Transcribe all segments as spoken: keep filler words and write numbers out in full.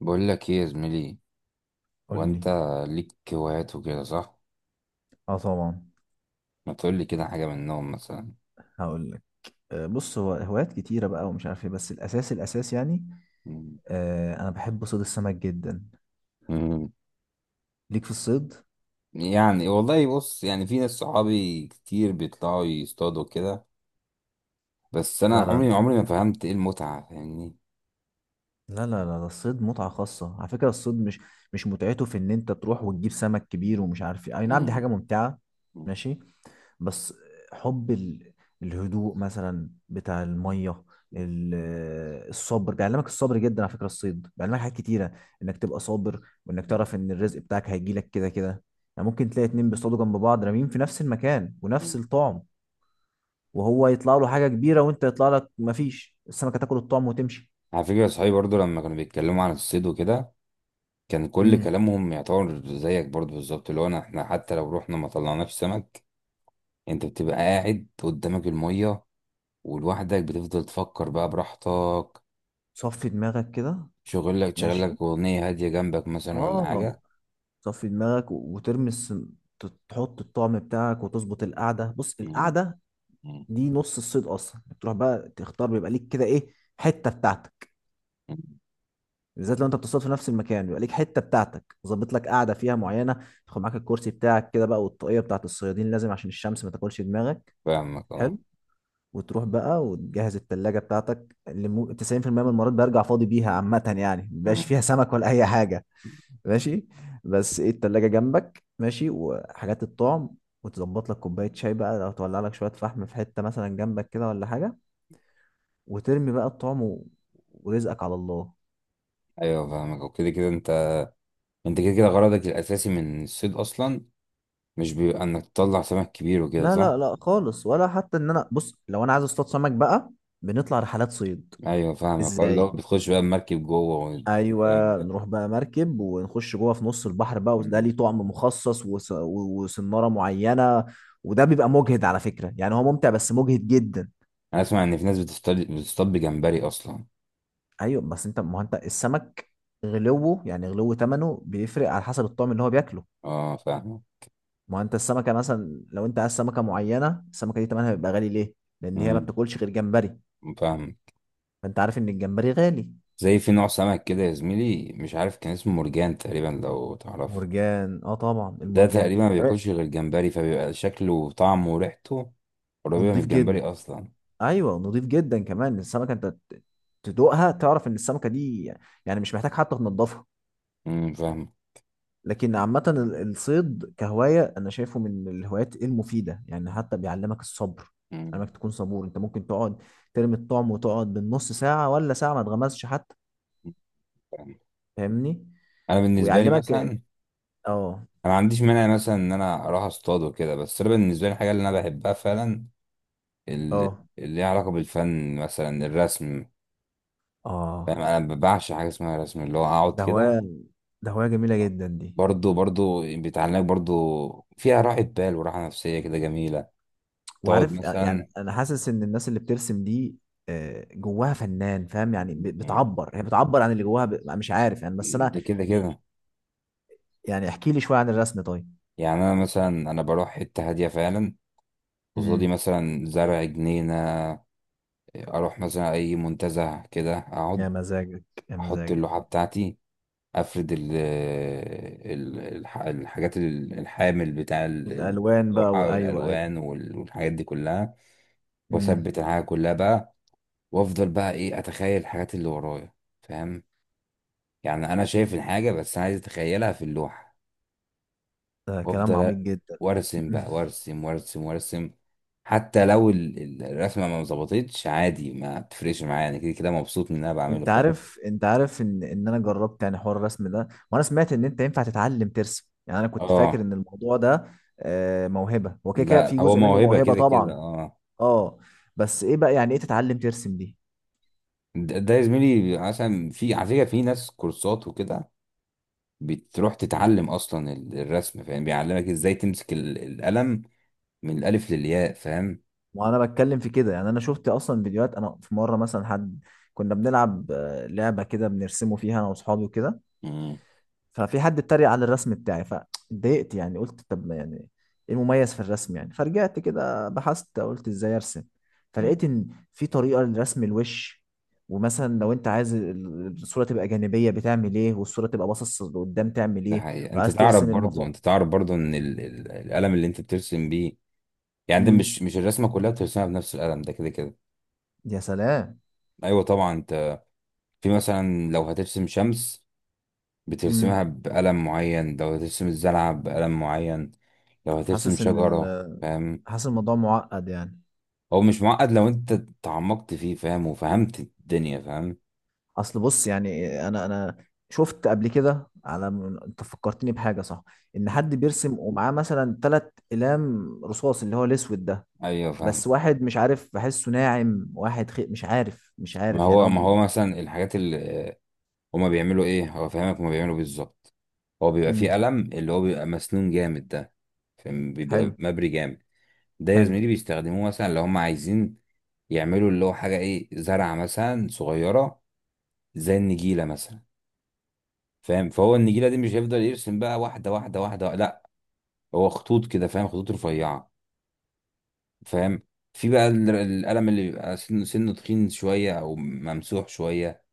بقول لك ايه يا زميلي؟ قول وانت لي. ليك هوايات وكده صح؟ اه طبعا ما تقول لي كده حاجه منهم مثلا. هقول لك. آه، بص، هو هوايات كتيرة بقى ومش عارف ايه، بس الأساس الأساس يعني. مم. آه، أنا بحب صيد السمك جدا. مم. ليك في الصيد؟ يعني والله بص، يعني في ناس صحابي كتير بيطلعوا يصطادوا كده. بس انا لا لا. عمري ده- عمري ما فهمت ايه المتعه، فاهمني؟ لا لا لا، ده الصيد متعة خاصة على فكرة. الصيد مش مش متعته في إن أنت تروح وتجيب سمك كبير ومش عارف ايه، أي نعم دي حاجة مم. ممتعة. مم. ماشي. بس حب ال... الهدوء مثلا بتاع الميه. ال- الصبر، بيعلمك الصبر جدا على فكره، الصيد بيعلمك حاجات كتيره، انك تبقى صابر، وانك تعرف ان الرزق بتاعك هيجيلك كده كده. يعني ممكن تلاقي اتنين بيصطادوا جنب بعض راميين في نفس المكان ونفس مم. الطعم، وهو يطلع له حاجه كبيره، وانت يطلع لك مفيش، السمكه تاكل الطعم وتمشي. على فكره صحابي برضو لما كانوا بيتكلموا عن الصيد وكده، كان كل امم. كلامهم يعتبر زيك برضو بالظبط، اللي هو أنا- احنا حتى لو رحنا ما طلعناش سمك. انت بتبقى قاعد قدامك الميه ولوحدك بتفضل تفكر بقى براحتك. صفي دماغك كده. شغل لك شغل ماشي. لك أغنية هادية جنبك مثلا ولا اه، حاجة. صفي دماغك و- وترمي السن... تحط الطعم بتاعك وتظبط القعده، بص مم. القعده مم. دي نص الصيد اصلا. بتروح بقى تختار، بيبقى ليك كده ايه، حته بتاعتك. بالذات لو انت بتصطاد في نفس المكان بيبقى ليك حته بتاعتك، ظابط لك قاعده فيها معينه، تاخد معاك الكرسي بتاعك كده بقى، والطاقيه بتاعت الصيادين لازم عشان الشمس ما تاكلش دماغك. فاهمك حلو. اه. وتروح بقى وتجهز التلاجة بتاعتك، اللي مو... تسعين في المية من المرات برجع فاضي بيها عامة، يعني مبقاش مم. فيها سمك ولا أي حاجة. ماشي. بس ايه، التلاجة جنبك ماشي وحاجات الطعم، وتظبط لك كوباية شاي بقى، لو تولع لك شوية فحم في حتة مثلا جنبك كده ولا حاجة، وترمي بقى الطعم و- ورزقك على الله. أيوه فاهمك وكده كده أنت أنت كده كده غرضك الأساسي من الصيد أصلا مش بيبقى إنك تطلع سمك كبير وكده لا لا صح؟ لا خالص، ولا حتى ان انا، بص لو انا عايز اصطاد سمك بقى، بنطلع رحلات صيد. أيوه فاهمك اه، اللي ازاي؟ هو بتخش بقى المركب جوه والكلام ايوه، ده. نروح بقى مركب ونخش جوه في نص البحر بقى، وده مم. ليه طعم مخصص وس- و- وسناره معينه. وده بيبقى مجهد على فكره، يعني هو ممتع بس مجهد جدا. أنا أسمع إن في ناس بتصطاد بتصطاد بجمبري أصلا. ايوه بس انت، ما هو انت السمك غلوه يعني، غلو ثمنه بيفرق على حسب الطعم اللي هو بياكله. اه فاهمك. ما هو انت السمكه مثلا، لو انت عايز سمكه معينه، السمكه دي تمنها بيبقى غالي ليه؟ لان هي ما مم، بتاكلش غير جمبري. فاهمك. فانت عارف ان الجمبري غالي. زي في نوع سمك كده يا زميلي، مش عارف كان اسمه مرجان تقريبا، لو تعرفه. مرجان، اه طبعا ده المرجان. تقريبا ما طب- إيه؟ بياكلش غير الجمبري، فبيبقى شكله وطعمه وريحته قريبة من ونضيف الجمبري جدا. أصلا. ايوه نضيف جدا، كمان السمكه انت ت- تدوقها تعرف ان السمكه دي، يعني مش محتاج حتى تنضفها. امم، فاهم. لكن عامه، ال- الصيد كهوايه انا شايفه من الهوايات المفيده، يعني حتى بيعلمك الصبر، أمم، انك تكون صبور. انت ممكن تقعد ترمي الطعم وتقعد بالنص ساعه ولا ساعه ما تغمزش حتى، فاهم. فاهمني؟ أنا بالنسبة لي مثلا، ويعلمك. أنا اه ما عنديش مانع مثلا إن أنا أروح أصطاد وكده، بس أنا بالنسبة لي الحاجة اللي أنا بحبها فعلا ال- اه اللي ليها علاقة بالفن، مثلا الرسم، فاهم؟ اه، أنا بعشق حاجة اسمها رسم، اللي هو أقعد ده كده. هواية، ده هواية جميلة جدا دي. برضو برضو بيتعلمك برضو. فيها راحة بال وراحة نفسية كده جميلة. تقعد وعارف، آه، يعني مثلا. انا حاسس ان الناس اللي بترسم دي، آه، جواها فنان، فاهم يعني؟ ب- بتعبر هي بتعبر عن اللي جواها ب... مش عارف يعني، بس ده انا كده كده. يعني، احكي لي شوية عن الرسم طيب. يعني انا مثلا، انا بروح حته هاديه فعلا، قصادي امم. مثلا زرع جنينه، اروح مثلا اي منتزه كده، اقعد، يا مزاجك، يا احط مزاجك. اللوحه بتاعتي، افرد ال ال- الح- الحاجات، ال- الحامل بتاع ال- الالوان بقى، اللوحه وايوه ايوه. والالوان وال- والحاجات دي كلها، امم. واثبت الحاجه كلها بقى. وافضل بقى ايه، اتخيل الحاجات اللي ورايا، فاهم؟ يعني انا شايف الحاجه، بس انا عايز اتخيلها في اللوحه. ده كلام وافضل عميق جدا. وارسم بقى، وارسم وارسم وارسم. حتى لو ال- ال- الرسمه ما ظبطتش عادي، ما بتفرقش معايا، انا كده كده مبسوط من اللي انا بعمله، انت فاهم؟ عارف انت عارف ان ان انا جربت، يعني حوار الرسم ده، وانا سمعت ان انت ينفع تتعلم ترسم، يعني انا كنت فاكر اه. ان الموضوع ده، آه، موهبه. هو كده كده في لا، هو جزء منه موهبه موهبه كده كده، طبعا. اه. اه. بس ايه بقى، يعني ايه تتعلم ترسم دي؟ ده ده يا زميلي عشان في على فكره في ناس كورسات وكده، بتروح تتعلم اصلا ال- الرسم، فاهم؟ بيعلمك ازاي تمسك ال- القلم من الالف للياء، فاهم؟ وانا بتكلم في كده، يعني انا شفت اصلا فيديوهات. انا في مره مثلا حد، كنا بنلعب آه، لعبه كده بنرسمه فيها انا واصحابي وكده، مم. ففي حد اتريق على الرسم بتاعي، فاتضايقت، يعني قلت طب ما يعني ايه المميز في الرسم يعني، فرجعت كده بحثت قلت ازاي ارسم. مم. فلقيت ان في طريقة لرسم الوش، ومثلا لو انت عايز ال- الصورة تبقى جانبية بتعمل ايه، والصورة تبقى باصص لقدام تعمل ده ايه، حقيقة. انت وعايز تعرف ترسم برضو المفاصل. انت تعرف برضو ان ال- ال- القلم اللي انت بترسم بيه، يعني ده مش امم. مش الرسمه كلها بترسمها بنفس القلم ده كده كده. يا سلام. ايوه طبعا. انت في مثلا لو هترسم شمس امم. بترسمها بقلم معين، لو هترسم الزلعه بقلم معين، لو هترسم حاسس ان شجره، ال... فاهم؟ حاسس الموضوع معقد يعني. هو مش معقد لو انت تعمقت فيه، فاهم؟ وفهمت الدنيا، فاهم؟ اصل بص يعني، انا انا شفت قبل كده على من- انت فكرتني بحاجه صح، ان حد بيرسم ومعاه مثلا ثلاث اقلام رصاص، اللي هو الاسود ده، ايوه بس فاهم. واحد مش عارف بحسه ناعم، واحد خي... مش عارف مش ما عارف يعني، هو هو ما ب- هو مثلا الحاجات اللي هما بيعملوا ايه، هو فاهمك، هما بيعملوا بالظبط. هو بيبقى فيه امم. قلم اللي هو بيبقى مسنون جامد ده، فاهم؟ حلو. بيبقى مبري جامد. ده يا حلو. زميلي بيستخدموه مثلا لو هم عايزين يعملوا اللي هو حاجة ايه، زرعة مثلا صغيرة زي النجيلة مثلا، فاهم؟ فهو النجيلة دي مش هيفضل يرسم بقى واحدة واحدة واحدة، لا، هو خطوط كده، فاهم؟ خطوط رفيعة، فاهم؟ في بقى ال- القلم اللي بيبقى سنه سنه تخين شوية أو ممسوح شوية،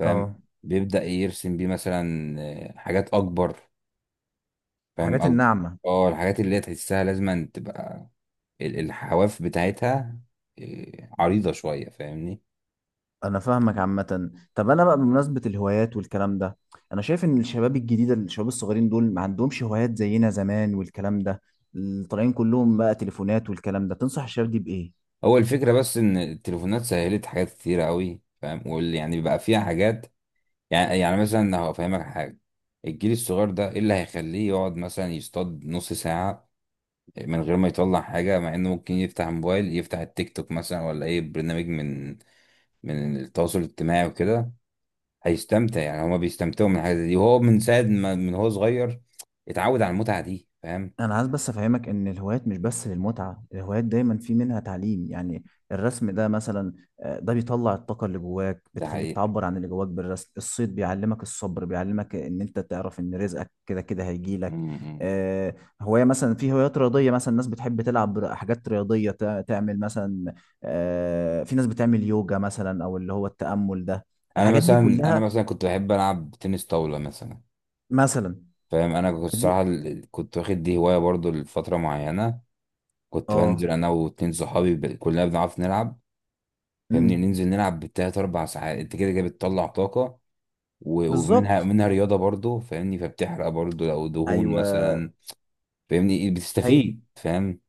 اه، بيبدأ يرسم بيه مثلا آه، حاجات أكبر، فاهم؟ الحاجات أكبر. الناعمه. اه، الحاجات اللي هي تحسها لازم تبقى ال- الحواف بتاعتها آه، عريضة شوية، فاهمني؟ انا فاهمك عامه. طب انا بقى بمناسبه الهوايات والكلام ده، انا شايف ان الشباب الجديده، الشباب الصغيرين دول ما عندهمش هوايات زينا زمان والكلام ده، طالعين كلهم بقى تليفونات والكلام ده، تنصح الشباب دي بايه؟ هو الفكرة بس إن التليفونات سهلت حاجات كتيرة أوي، فاهم؟ واللي يعني بقى فيها حاجات، يعني يعني مثلا هفهمك حاجة. الجيل الصغير ده إيه اللي هيخليه يقعد مثلا يصطاد نص ساعة من غير ما يطلع حاجة، مع إنه ممكن يفتح موبايل، يفتح التيك توك مثلا ولا أي برنامج من من التواصل الاجتماعي وكده، هيستمتع. يعني هما بيستمتعوا من الحاجة دي، وهو من ساعة ما من هو صغير اتعود على المتعة دي، فاهم؟ انا عايز بس افهمك ان الهوايات مش بس للمتعه، الهوايات دايما في منها تعليم يعني. الرسم ده مثلا، آه، ده بيطلع الطاقه اللي جواك، ده بتخليك حقيقة. تعبر عن اللي جواك بالرسم. الصيد بيعلمك الصبر، بيعلمك ان انت تعرف ان رزقك كده كده هيجي م- لك. م. آه، هوايه مثلا، في هوايات رياضيه مثلا، الناس بتحب تلعب ر- حاجات رياضيه، تع- تعمل مثلا، آه، في ناس بتعمل يوجا مثلا، او اللي هو التامل ده، أنا الحاجات دي مثلا، أنا كلها مثلا كنت بحب ألعب تنس طاولة مثلا، مثلا. فاهم؟ انا كنت فدي- الصراحه، ال- كنت واخد دي هوايه برضو لفتره معينه. كنت بنزل اه. انا واتنين صحابي، ب... كلنا بنعرف نلعب، فاهمني؟ امم. ننزل نلعب بالتلات اربع ساعات، انت كده كده بتطلع طاقه، و... ومنها بالظبط. منها رياضه برضو، فاهمني؟ فبتحرق برضو لو دهون ايوه. مثلا، فاهمني؟ إيه، هي، بتستفيد، فاهم؟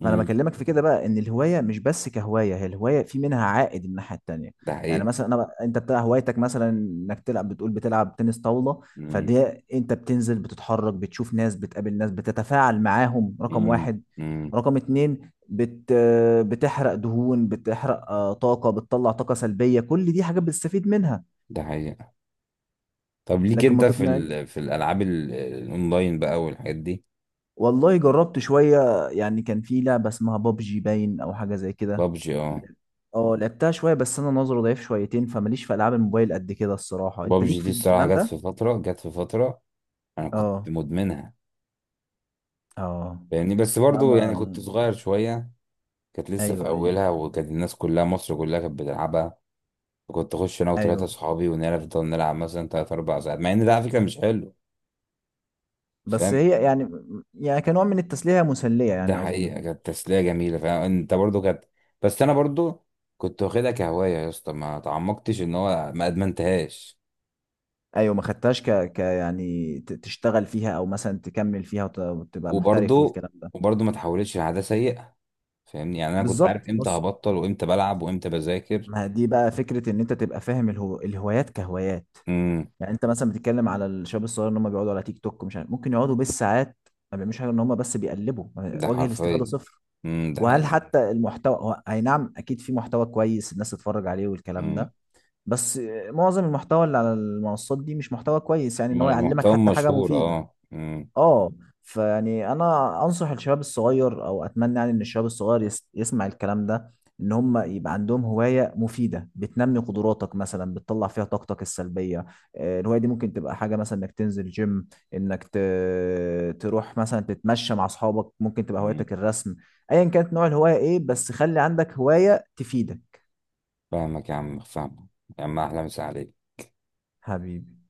ما انا امم. بكلمك في كده بقى، ان الهوايه مش بس كهوايه، هي الهوايه في منها عائد من الناحيه التانيه. ده يعني حقيقه. مثلا، انا بقى- انت بتاع هوايتك مثلا، انك تلعب بتقول بتلعب تنس طاوله، امم. فدي، انت بتنزل، بتتحرك، بتشوف ناس، بتقابل ناس، بتتفاعل معاهم، رقم امم. واحد. امم. رقم اتنين، بت بتحرق دهون، بتحرق آه، طاقه، بتطلع طاقه سلبيه، كل دي حاجات بتستفيد منها. ده حقيقه. طب ليك لكن ما انت في تقنعني، ال... في الالعاب ال... الاونلاين بقى والحاجات دي؟ والله جربت شويه يعني، كان في لعبه اسمها بابجي باين او حاجه زي كده. بابجي، اه. اه لعبتها شويه، بس انا نظري ضعيف شويتين، فماليش في العاب الموبايل قد كده الصراحه. انت بابجي ليك في دي الصراحه الكلام جت ده؟ في فتره جت في فتره انا كنت اه مدمنها. اه. يعني بس لا، برضو، يعني كنت ما صغير شوية. كانت لسه في ايوه ايوه أولها، وكانت الناس كلها، مصر كلها كانت بتلعبها. كنت أخش أنا وتلاتة ايوه. أصحابي ونفضل نلعب مثلا تلات أربع ساعات، مع إن ده على فكرة مش حلو، بس فاهم؟ هي يعني، يعني كنوع من التسليه هي مسليه ده يعني اظن. حقيقة كانت تسلية جميلة، فاهم؟ أنت برضو كانت. بس أنا برضو كنت واخدها كهواية يا اسطى، ما تعمقتش، إن هو ما أدمنتهاش. ايوه، ما خدتهاش ك... ك يعني ت- تشتغل فيها، او مثلا تكمل فيها وت... وتبقى محترف وبرضو والكلام ده. وبرضو ما تحولتش لعادة سيئة، فاهمني؟ يعني أنا كنت بالظبط عارف إمتى بص، هبطل وإمتى بلعب وإمتى بذاكر. ما دي بقى فكره ان انت تبقى فاهم الهو... الهوايات كهوايات. امم. يعني انت مثلا بتتكلم على الشباب الصغير ان هم بيقعدوا على تيك توك، مش عارف ممكن يقعدوا بالساعات ما بيعملوش حاجه، ان هم بس بيقلبوا. ده وجه الاستفاده حرفيا. صفر. امم. ده وهل حتى المحتوى، هو اي نعم اكيد في محتوى كويس الناس تتفرج عليه والكلام حقيقي. ده، بس معظم المحتوى اللي على المنصات دي مش محتوى كويس، يعني ان الم- هو يعلمك المحتوى حتى حاجه مشهور، مفيده. اه. مم. اه. فيعني انا انصح الشباب الصغير، او اتمنى يعني ان الشباب الصغير يس يسمع الكلام ده، ان هم يبقى عندهم هواية مفيدة بتنمي قدراتك، مثلا بتطلع فيها طاقتك السلبية. آه، الهواية دي ممكن تبقى حاجة مثلا انك تنزل جيم، انك ت... تروح مثلا تتمشى مع اصحابك، ممكن تبقى مم. هوايتك الرسم. ايا كانت نوع الهواية ايه، بس خلي عندك هواية تفيدك. فاهمك يا عم، فاهمك يا عم، أحلى مسا عليك. حبيبي.